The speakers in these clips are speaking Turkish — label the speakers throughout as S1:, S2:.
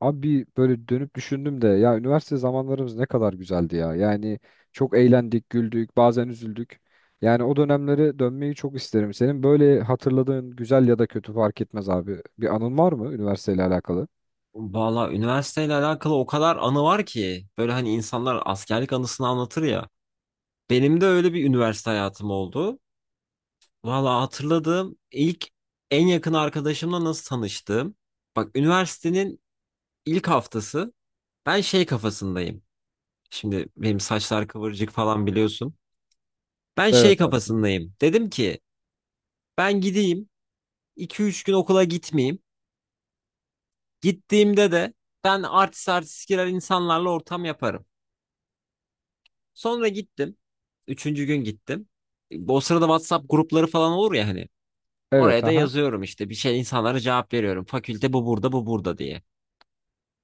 S1: Abi böyle dönüp düşündüm de ya üniversite zamanlarımız ne kadar güzeldi ya. Yani çok eğlendik, güldük, bazen üzüldük. Yani o dönemlere dönmeyi çok isterim. Senin böyle hatırladığın güzel ya da kötü fark etmez abi. Bir anın var mı üniversiteyle alakalı?
S2: Valla üniversiteyle alakalı o kadar anı var ki, böyle hani insanlar askerlik anısını anlatır ya. Benim de öyle bir üniversite hayatım oldu. Valla hatırladığım ilk en yakın arkadaşımla nasıl tanıştığım. Bak, üniversitenin ilk haftası ben şey kafasındayım. Şimdi benim saçlar kıvırcık falan, biliyorsun. Ben şey
S1: Evet abi. Hı hı.
S2: kafasındayım. Dedim ki ben gideyim, iki üç gün okula gitmeyeyim. Gittiğimde de ben artist artist girer, insanlarla ortam yaparım. Sonra gittim. Üçüncü gün gittim. O sırada WhatsApp grupları falan olur ya hani.
S1: Evet,
S2: Oraya da
S1: aha.
S2: yazıyorum işte, bir şey insanlara cevap veriyorum. Fakülte bu burada, bu burada diye.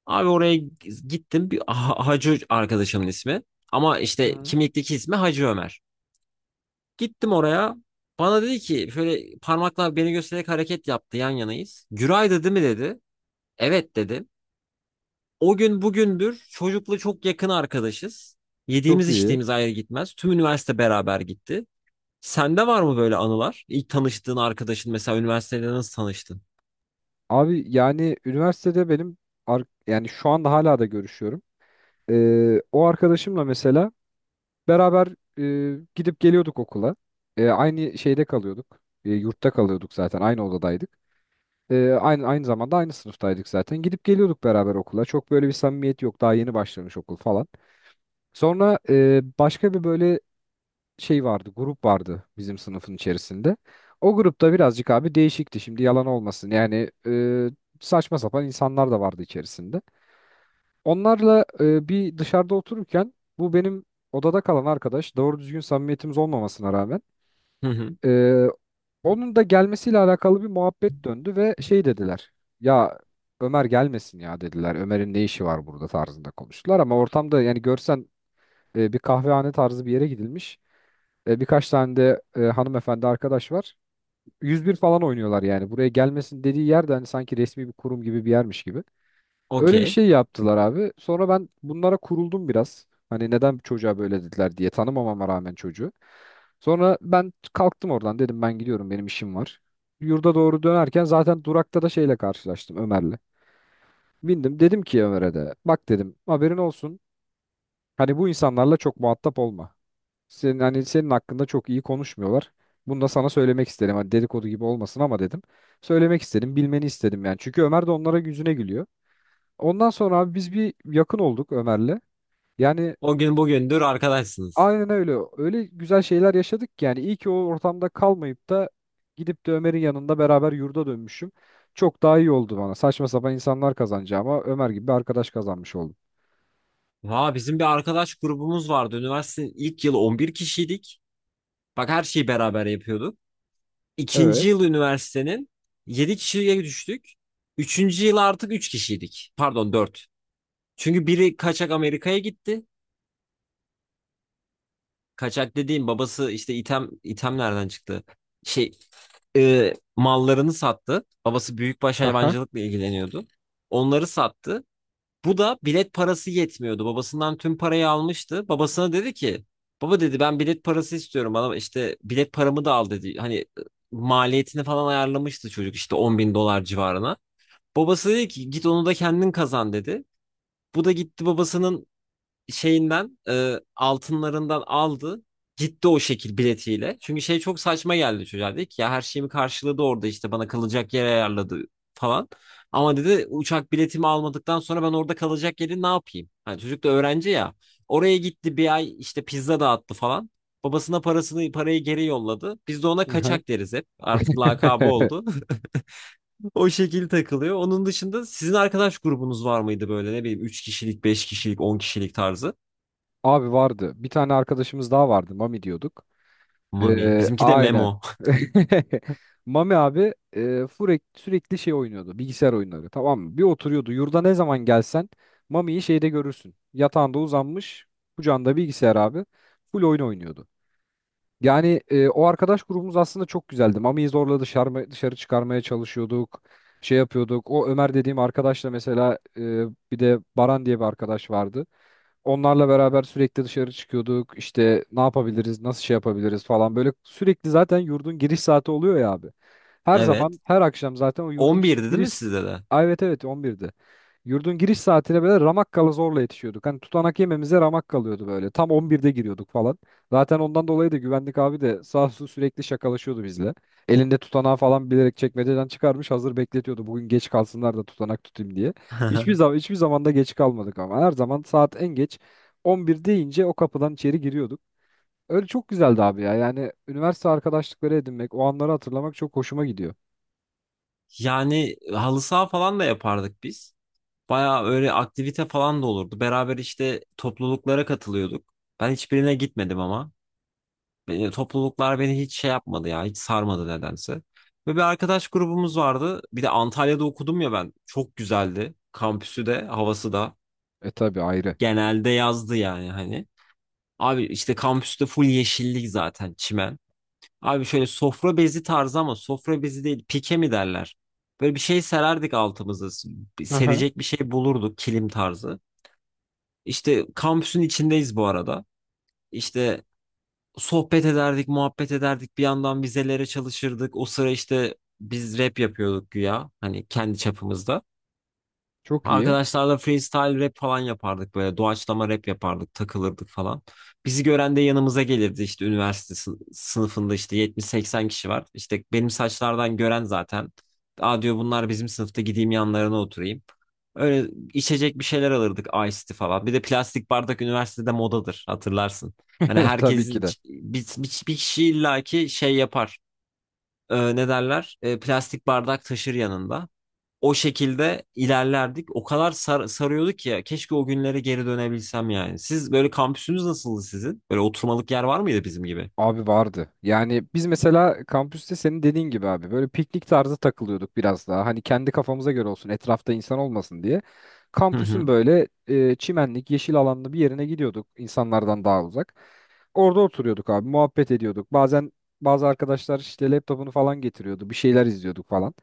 S2: Abi oraya gittim. Bir Hacı arkadaşımın ismi. Ama
S1: Hı
S2: işte
S1: hı.
S2: kimlikteki ismi Hacı Ömer. Gittim oraya. Bana dedi ki, şöyle parmakla beni göstererek hareket yaptı, yan yanayız. Güray dedi mi, dedi. Evet dedim. O gün bugündür çocukla çok yakın arkadaşız.
S1: Çok
S2: Yediğimiz
S1: iyi.
S2: içtiğimiz ayrı gitmez. Tüm üniversite beraber gitti. Sende var mı böyle anılar? İlk tanıştığın arkadaşın mesela, üniversitede nasıl tanıştın?
S1: Abi yani üniversitede benim yani şu anda hala da görüşüyorum. O arkadaşımla mesela beraber gidip geliyorduk okula. Aynı şeyde kalıyorduk. Yurtta kalıyorduk zaten. Aynı odadaydık. Aynı zamanda aynı sınıftaydık zaten. Gidip geliyorduk beraber okula. Çok böyle bir samimiyet yok. Daha yeni başlamış okul falan. Sonra başka bir böyle şey vardı. Grup vardı bizim sınıfın içerisinde. O grupta birazcık abi değişikti. Şimdi yalan olmasın. Yani saçma sapan insanlar da vardı içerisinde. Onlarla bir dışarıda otururken bu benim odada kalan arkadaş doğru düzgün samimiyetimiz olmamasına rağmen
S2: Hı hı.
S1: e, onun da gelmesiyle alakalı bir muhabbet döndü ve şey dediler. Ya Ömer gelmesin ya dediler. Ömer'in ne işi var burada tarzında konuştular ama ortamda yani görsen bir kahvehane tarzı bir yere gidilmiş. Birkaç tane de hanımefendi arkadaş var. 101 falan oynuyorlar yani. Buraya gelmesin dediği yerde hani sanki resmi bir kurum gibi bir yermiş gibi. Öyle bir
S2: Okey.
S1: şey yaptılar abi. Sonra ben bunlara kuruldum biraz. Hani neden çocuğa böyle dediler diye tanımamama rağmen çocuğu. Sonra ben kalktım oradan, dedim ben gidiyorum, benim işim var. Yurda doğru dönerken zaten durakta da şeyle karşılaştım, Ömer'le. Bindim, dedim ki Ömer'e de, bak dedim, haberin olsun. Hani bu insanlarla çok muhatap olma. Hani senin hakkında çok iyi konuşmuyorlar. Bunu da sana söylemek istedim. Hani dedikodu gibi olmasın ama, dedim. Söylemek istedim, bilmeni istedim yani. Çünkü Ömer de onlara yüzüne gülüyor. Ondan sonra abi biz bir yakın olduk Ömer'le. Yani,
S2: O gün bugündür arkadaşsınız.
S1: aynen öyle. Öyle güzel şeyler yaşadık ki yani, iyi ki o ortamda kalmayıp da gidip de Ömer'in yanında beraber yurda dönmüşüm. Çok daha iyi oldu bana. Saçma sapan insanlar kazanacağıma Ömer gibi bir arkadaş kazanmış oldum.
S2: Vaa, bizim bir arkadaş grubumuz vardı. Üniversitenin ilk yılı 11 kişiydik. Bak, her şeyi beraber yapıyorduk. İkinci
S1: Evet.
S2: yıl üniversitenin 7 kişiye düştük. Üçüncü yıl artık 3 kişiydik. Pardon, 4. Çünkü biri kaçak Amerika'ya gitti. Kaçak dediğim, babası işte item. İtem nereden çıktı? Şey, mallarını sattı. Babası büyükbaş
S1: Aha.
S2: hayvancılıkla ilgileniyordu. Onları sattı. Bu da bilet parası yetmiyordu. Babasından tüm parayı almıştı. Babasına dedi ki, baba dedi, ben bilet parası istiyorum. Bana işte bilet paramı da al dedi. Hani maliyetini falan ayarlamıştı çocuk, işte 10.000 dolar civarına. Babası dedi ki, git onu da kendin kazan dedi. Bu da gitti, babasının şeyinden, altınlarından aldı. Gitti o şekil biletiyle. Çünkü şey çok saçma geldi çocuğa. Dedi ki, ya her şeyimi karşıladı orada, işte bana kalacak yer ayarladı falan. Ama dedi, uçak biletimi almadıktan sonra ben orada kalacak yeri ne yapayım? Hani çocuk da öğrenci ya. Oraya gitti, bir ay işte pizza dağıttı falan. Babasına parasını, parayı geri yolladı. Biz de ona
S1: Aha.
S2: kaçak deriz hep. Artık lakabı oldu. O şekil takılıyor. Onun dışında sizin arkadaş grubunuz var mıydı, böyle ne bileyim 3 kişilik, 5 kişilik, 10 kişilik tarzı?
S1: Abi vardı. Bir tane arkadaşımız daha vardı. Mami diyorduk.
S2: Mami. Bizimki de
S1: Aynen.
S2: Memo.
S1: Mami abi sürekli şey oynuyordu. Bilgisayar oyunları. Tamam mı? Bir oturuyordu. Yurda ne zaman gelsen Mami'yi şeyde görürsün. Yatağında uzanmış. Kucağında bilgisayar abi. Full oyun oynuyordu. Yani o arkadaş grubumuz aslında çok güzeldi. Mami'yi zorla dışarı çıkarmaya çalışıyorduk. Şey yapıyorduk. O Ömer dediğim arkadaşla mesela bir de Baran diye bir arkadaş vardı. Onlarla beraber sürekli dışarı çıkıyorduk. İşte ne yapabiliriz, nasıl şey yapabiliriz falan. Böyle sürekli zaten yurdun giriş saati oluyor ya abi. Her
S2: Evet.
S1: zaman, her akşam zaten o yurdun
S2: 11'di değil mi
S1: giriş...
S2: sizde de?
S1: Ay, evet, evet, 11'de. Yurdun giriş saatine böyle ramak, zorla yetişiyorduk. Hani tutanak yememize ramak kalıyordu böyle. Tam 11'de giriyorduk falan. Zaten ondan dolayı da güvenlik abi de sağ olsun sürekli şakalaşıyordu bizle. Elinde tutanağı falan bilerek çekmeceden çıkarmış, hazır bekletiyordu. Bugün geç kalsınlar da tutanak tutayım diye. Hiçbir zaman hiçbir zamanda geç kalmadık ama her zaman saat en geç 11 deyince o kapıdan içeri giriyorduk. Öyle çok güzeldi abi ya. Yani üniversite arkadaşlıkları edinmek, o anları hatırlamak çok hoşuma gidiyor.
S2: Yani halı saha falan da yapardık biz. Baya öyle aktivite falan da olurdu. Beraber işte topluluklara katılıyorduk. Ben hiçbirine gitmedim ama. Beni, topluluklar beni hiç şey yapmadı ya. Hiç sarmadı nedense. Ve bir arkadaş grubumuz vardı. Bir de Antalya'da okudum ya ben. Çok güzeldi. Kampüsü de, havası da.
S1: E, tabi ayrı.
S2: Genelde yazdı yani hani. Abi işte kampüste full yeşillik, zaten çimen. Abi şöyle sofra bezi tarzı, ama sofra bezi değil, pike mi derler? Böyle bir şey sererdik altımızı,
S1: Hı.
S2: serecek bir şey bulurduk, kilim tarzı. İşte kampüsün içindeyiz bu arada. İşte sohbet ederdik, muhabbet ederdik. Bir yandan vizelere çalışırdık. O sıra işte biz rap yapıyorduk güya. Hani kendi çapımızda.
S1: Çok iyi.
S2: Arkadaşlarla freestyle rap falan yapardık, böyle doğaçlama rap yapardık, takılırdık falan. Bizi gören de yanımıza gelirdi, işte üniversite sınıfında işte 70-80 kişi var. İşte benim saçlardan gören zaten. Aa, diyor, bunlar bizim sınıfta, gideyim yanlarına oturayım. Öyle içecek bir şeyler alırdık, Ice tea falan. Bir de plastik bardak üniversitede modadır, hatırlarsın. Hani
S1: Tabii ki
S2: herkesin
S1: de.
S2: bir kişi illaki şey yapar. Ne derler? Plastik bardak taşır yanında, o şekilde ilerlerdik. O kadar sarıyordu ki ya. Keşke o günlere geri dönebilsem yani. Siz böyle kampüsünüz nasıldı sizin? Böyle oturmalık yer var mıydı bizim gibi?
S1: Abi vardı. Yani biz mesela kampüste senin dediğin gibi abi böyle piknik tarzı takılıyorduk biraz daha. Hani kendi kafamıza göre olsun, etrafta insan olmasın diye.
S2: Hı hı.
S1: Kampüsün böyle çimenlik, yeşil alanlı bir yerine gidiyorduk, insanlardan daha uzak. Orada oturuyorduk abi, muhabbet ediyorduk. Bazen bazı arkadaşlar işte laptopunu falan getiriyordu, bir şeyler izliyorduk falan.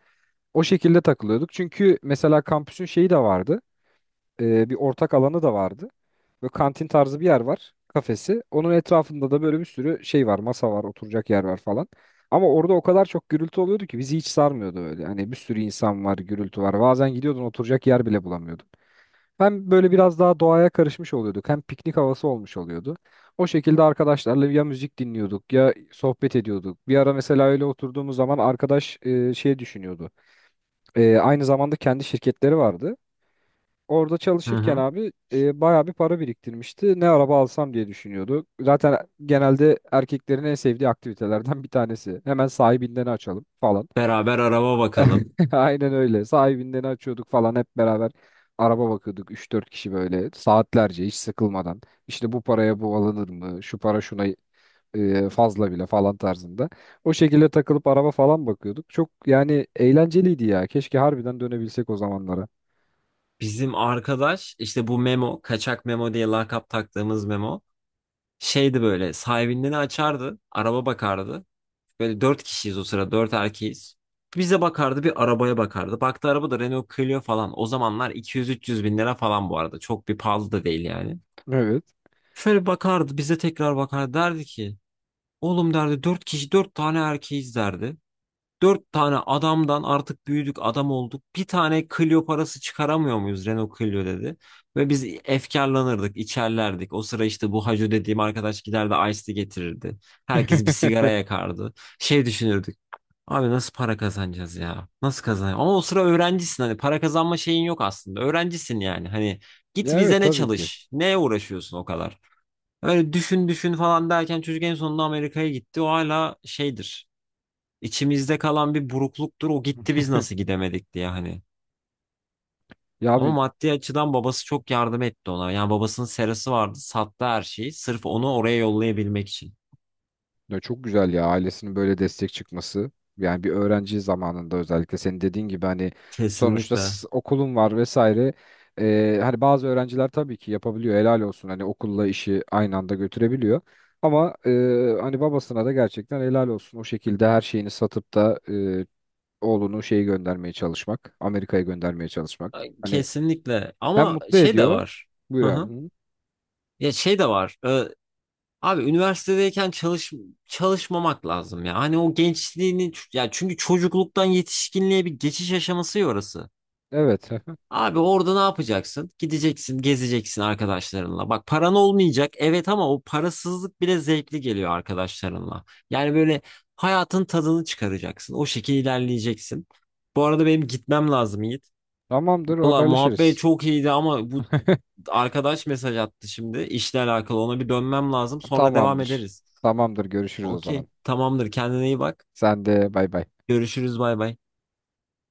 S1: O şekilde takılıyorduk. Çünkü mesela kampüsün şeyi de vardı, bir ortak alanı da vardı. Böyle kantin tarzı bir yer var, kafesi. Onun etrafında da böyle bir sürü şey var, masa var, oturacak yer var falan. Ama orada o kadar çok gürültü oluyordu ki bizi hiç sarmıyordu öyle. Hani bir sürü insan var, gürültü var. Bazen gidiyordun, oturacak yer bile bulamıyorduk. Hem böyle biraz daha doğaya karışmış oluyorduk, hem piknik havası olmuş oluyordu. O şekilde arkadaşlarla ya müzik dinliyorduk ya sohbet ediyorduk. Bir ara mesela öyle oturduğumuz zaman arkadaş şey düşünüyordu. Aynı zamanda kendi şirketleri vardı. Orada
S2: Hı
S1: çalışırken
S2: hı.
S1: abi bayağı bir para biriktirmişti. Ne araba alsam diye düşünüyordu. Zaten genelde erkeklerin en sevdiği aktivitelerden bir tanesi. Hemen sahibinden açalım falan.
S2: Beraber araba bakalım.
S1: Aynen öyle. Sahibinden açıyorduk falan hep beraber, araba bakıyorduk üç dört kişi böyle saatlerce hiç sıkılmadan. İşte bu paraya bu alınır mı? Şu para şuna fazla bile falan tarzında. O şekilde takılıp araba falan bakıyorduk. Çok yani eğlenceliydi ya. Keşke harbiden dönebilsek o zamanlara.
S2: Bizim arkadaş işte bu Memo, kaçak Memo diye lakap taktığımız Memo. Şeydi böyle, sahibinden açardı, araba bakardı. Böyle dört kişiyiz o sıra, dört erkeğiz. Bize bakardı, bir arabaya bakardı. Baktı araba da Renault Clio falan. O zamanlar 200-300 bin lira falan bu arada. Çok bir pahalı da değil yani.
S1: Evet.
S2: Şöyle bakardı bize, tekrar bakar, derdi ki oğlum derdi, dört kişi, dört tane erkeğiz derdi. Dört tane adamdan artık büyüdük, adam olduk. Bir tane Clio parası çıkaramıyor muyuz Renault Clio, dedi. Ve biz efkarlanırdık, içerlerdik. O sıra işte bu Hacı dediğim arkadaş giderdi, Ice Tea getirirdi. Herkes bir sigara yakardı. Şey düşünürdük. Abi nasıl para kazanacağız ya? Nasıl kazanacağız? Ama o sıra öğrencisin, hani para kazanma şeyin yok aslında. Öğrencisin yani. Hani git
S1: Ya evet,
S2: vizene
S1: tabii ki.
S2: çalış. Neye uğraşıyorsun o kadar? Öyle düşün düşün falan derken, çocuk en sonunda Amerika'ya gitti. O hala şeydir. İçimizde kalan bir burukluktur. O gitti, biz nasıl gidemedik diye hani.
S1: Ya
S2: Ama
S1: abi.
S2: maddi açıdan babası çok yardım etti ona. Yani babasının serası vardı. Sattı her şeyi. Sırf onu oraya yollayabilmek için.
S1: Ya çok güzel ya, ailesinin böyle destek çıkması. Yani bir öğrenci zamanında, özellikle senin dediğin gibi hani sonuçta
S2: Kesinlikle.
S1: okulun var vesaire. Hani bazı öğrenciler tabii ki yapabiliyor, helal olsun, hani okulla işi aynı anda götürebiliyor. Ama hani babasına da gerçekten helal olsun, o şekilde her şeyini satıp da oğlunu şeyi göndermeye çalışmak. Amerika'ya göndermeye çalışmak. Hani
S2: Kesinlikle.
S1: hem
S2: Ama
S1: mutlu
S2: şey de
S1: ediyor.
S2: var.
S1: Buyur
S2: Hı
S1: abi.
S2: hı.
S1: Hı.
S2: Ya şey de var. Abi üniversitedeyken çalışmamak lazım ya. Hani o gençliğini, ya çünkü çocukluktan yetişkinliğe bir geçiş aşaması ya orası.
S1: Evet.
S2: Abi orada ne yapacaksın? Gideceksin, gezeceksin arkadaşlarınla. Bak, paran olmayacak. Evet, ama o parasızlık bile zevkli geliyor arkadaşlarınla. Yani böyle hayatın tadını çıkaracaksın. O şekilde ilerleyeceksin. Bu arada benim gitmem lazım Yiğit.
S1: Tamamdır,
S2: Valla muhabbet
S1: haberleşiriz.
S2: çok iyiydi ama bu arkadaş mesaj attı şimdi. İşle alakalı ona bir dönmem lazım. Sonra devam
S1: Tamamdır.
S2: ederiz.
S1: Tamamdır. Görüşürüz o
S2: Okey,
S1: zaman.
S2: tamamdır. Kendine iyi bak.
S1: Sen de, bay bay.
S2: Görüşürüz. Bay bay.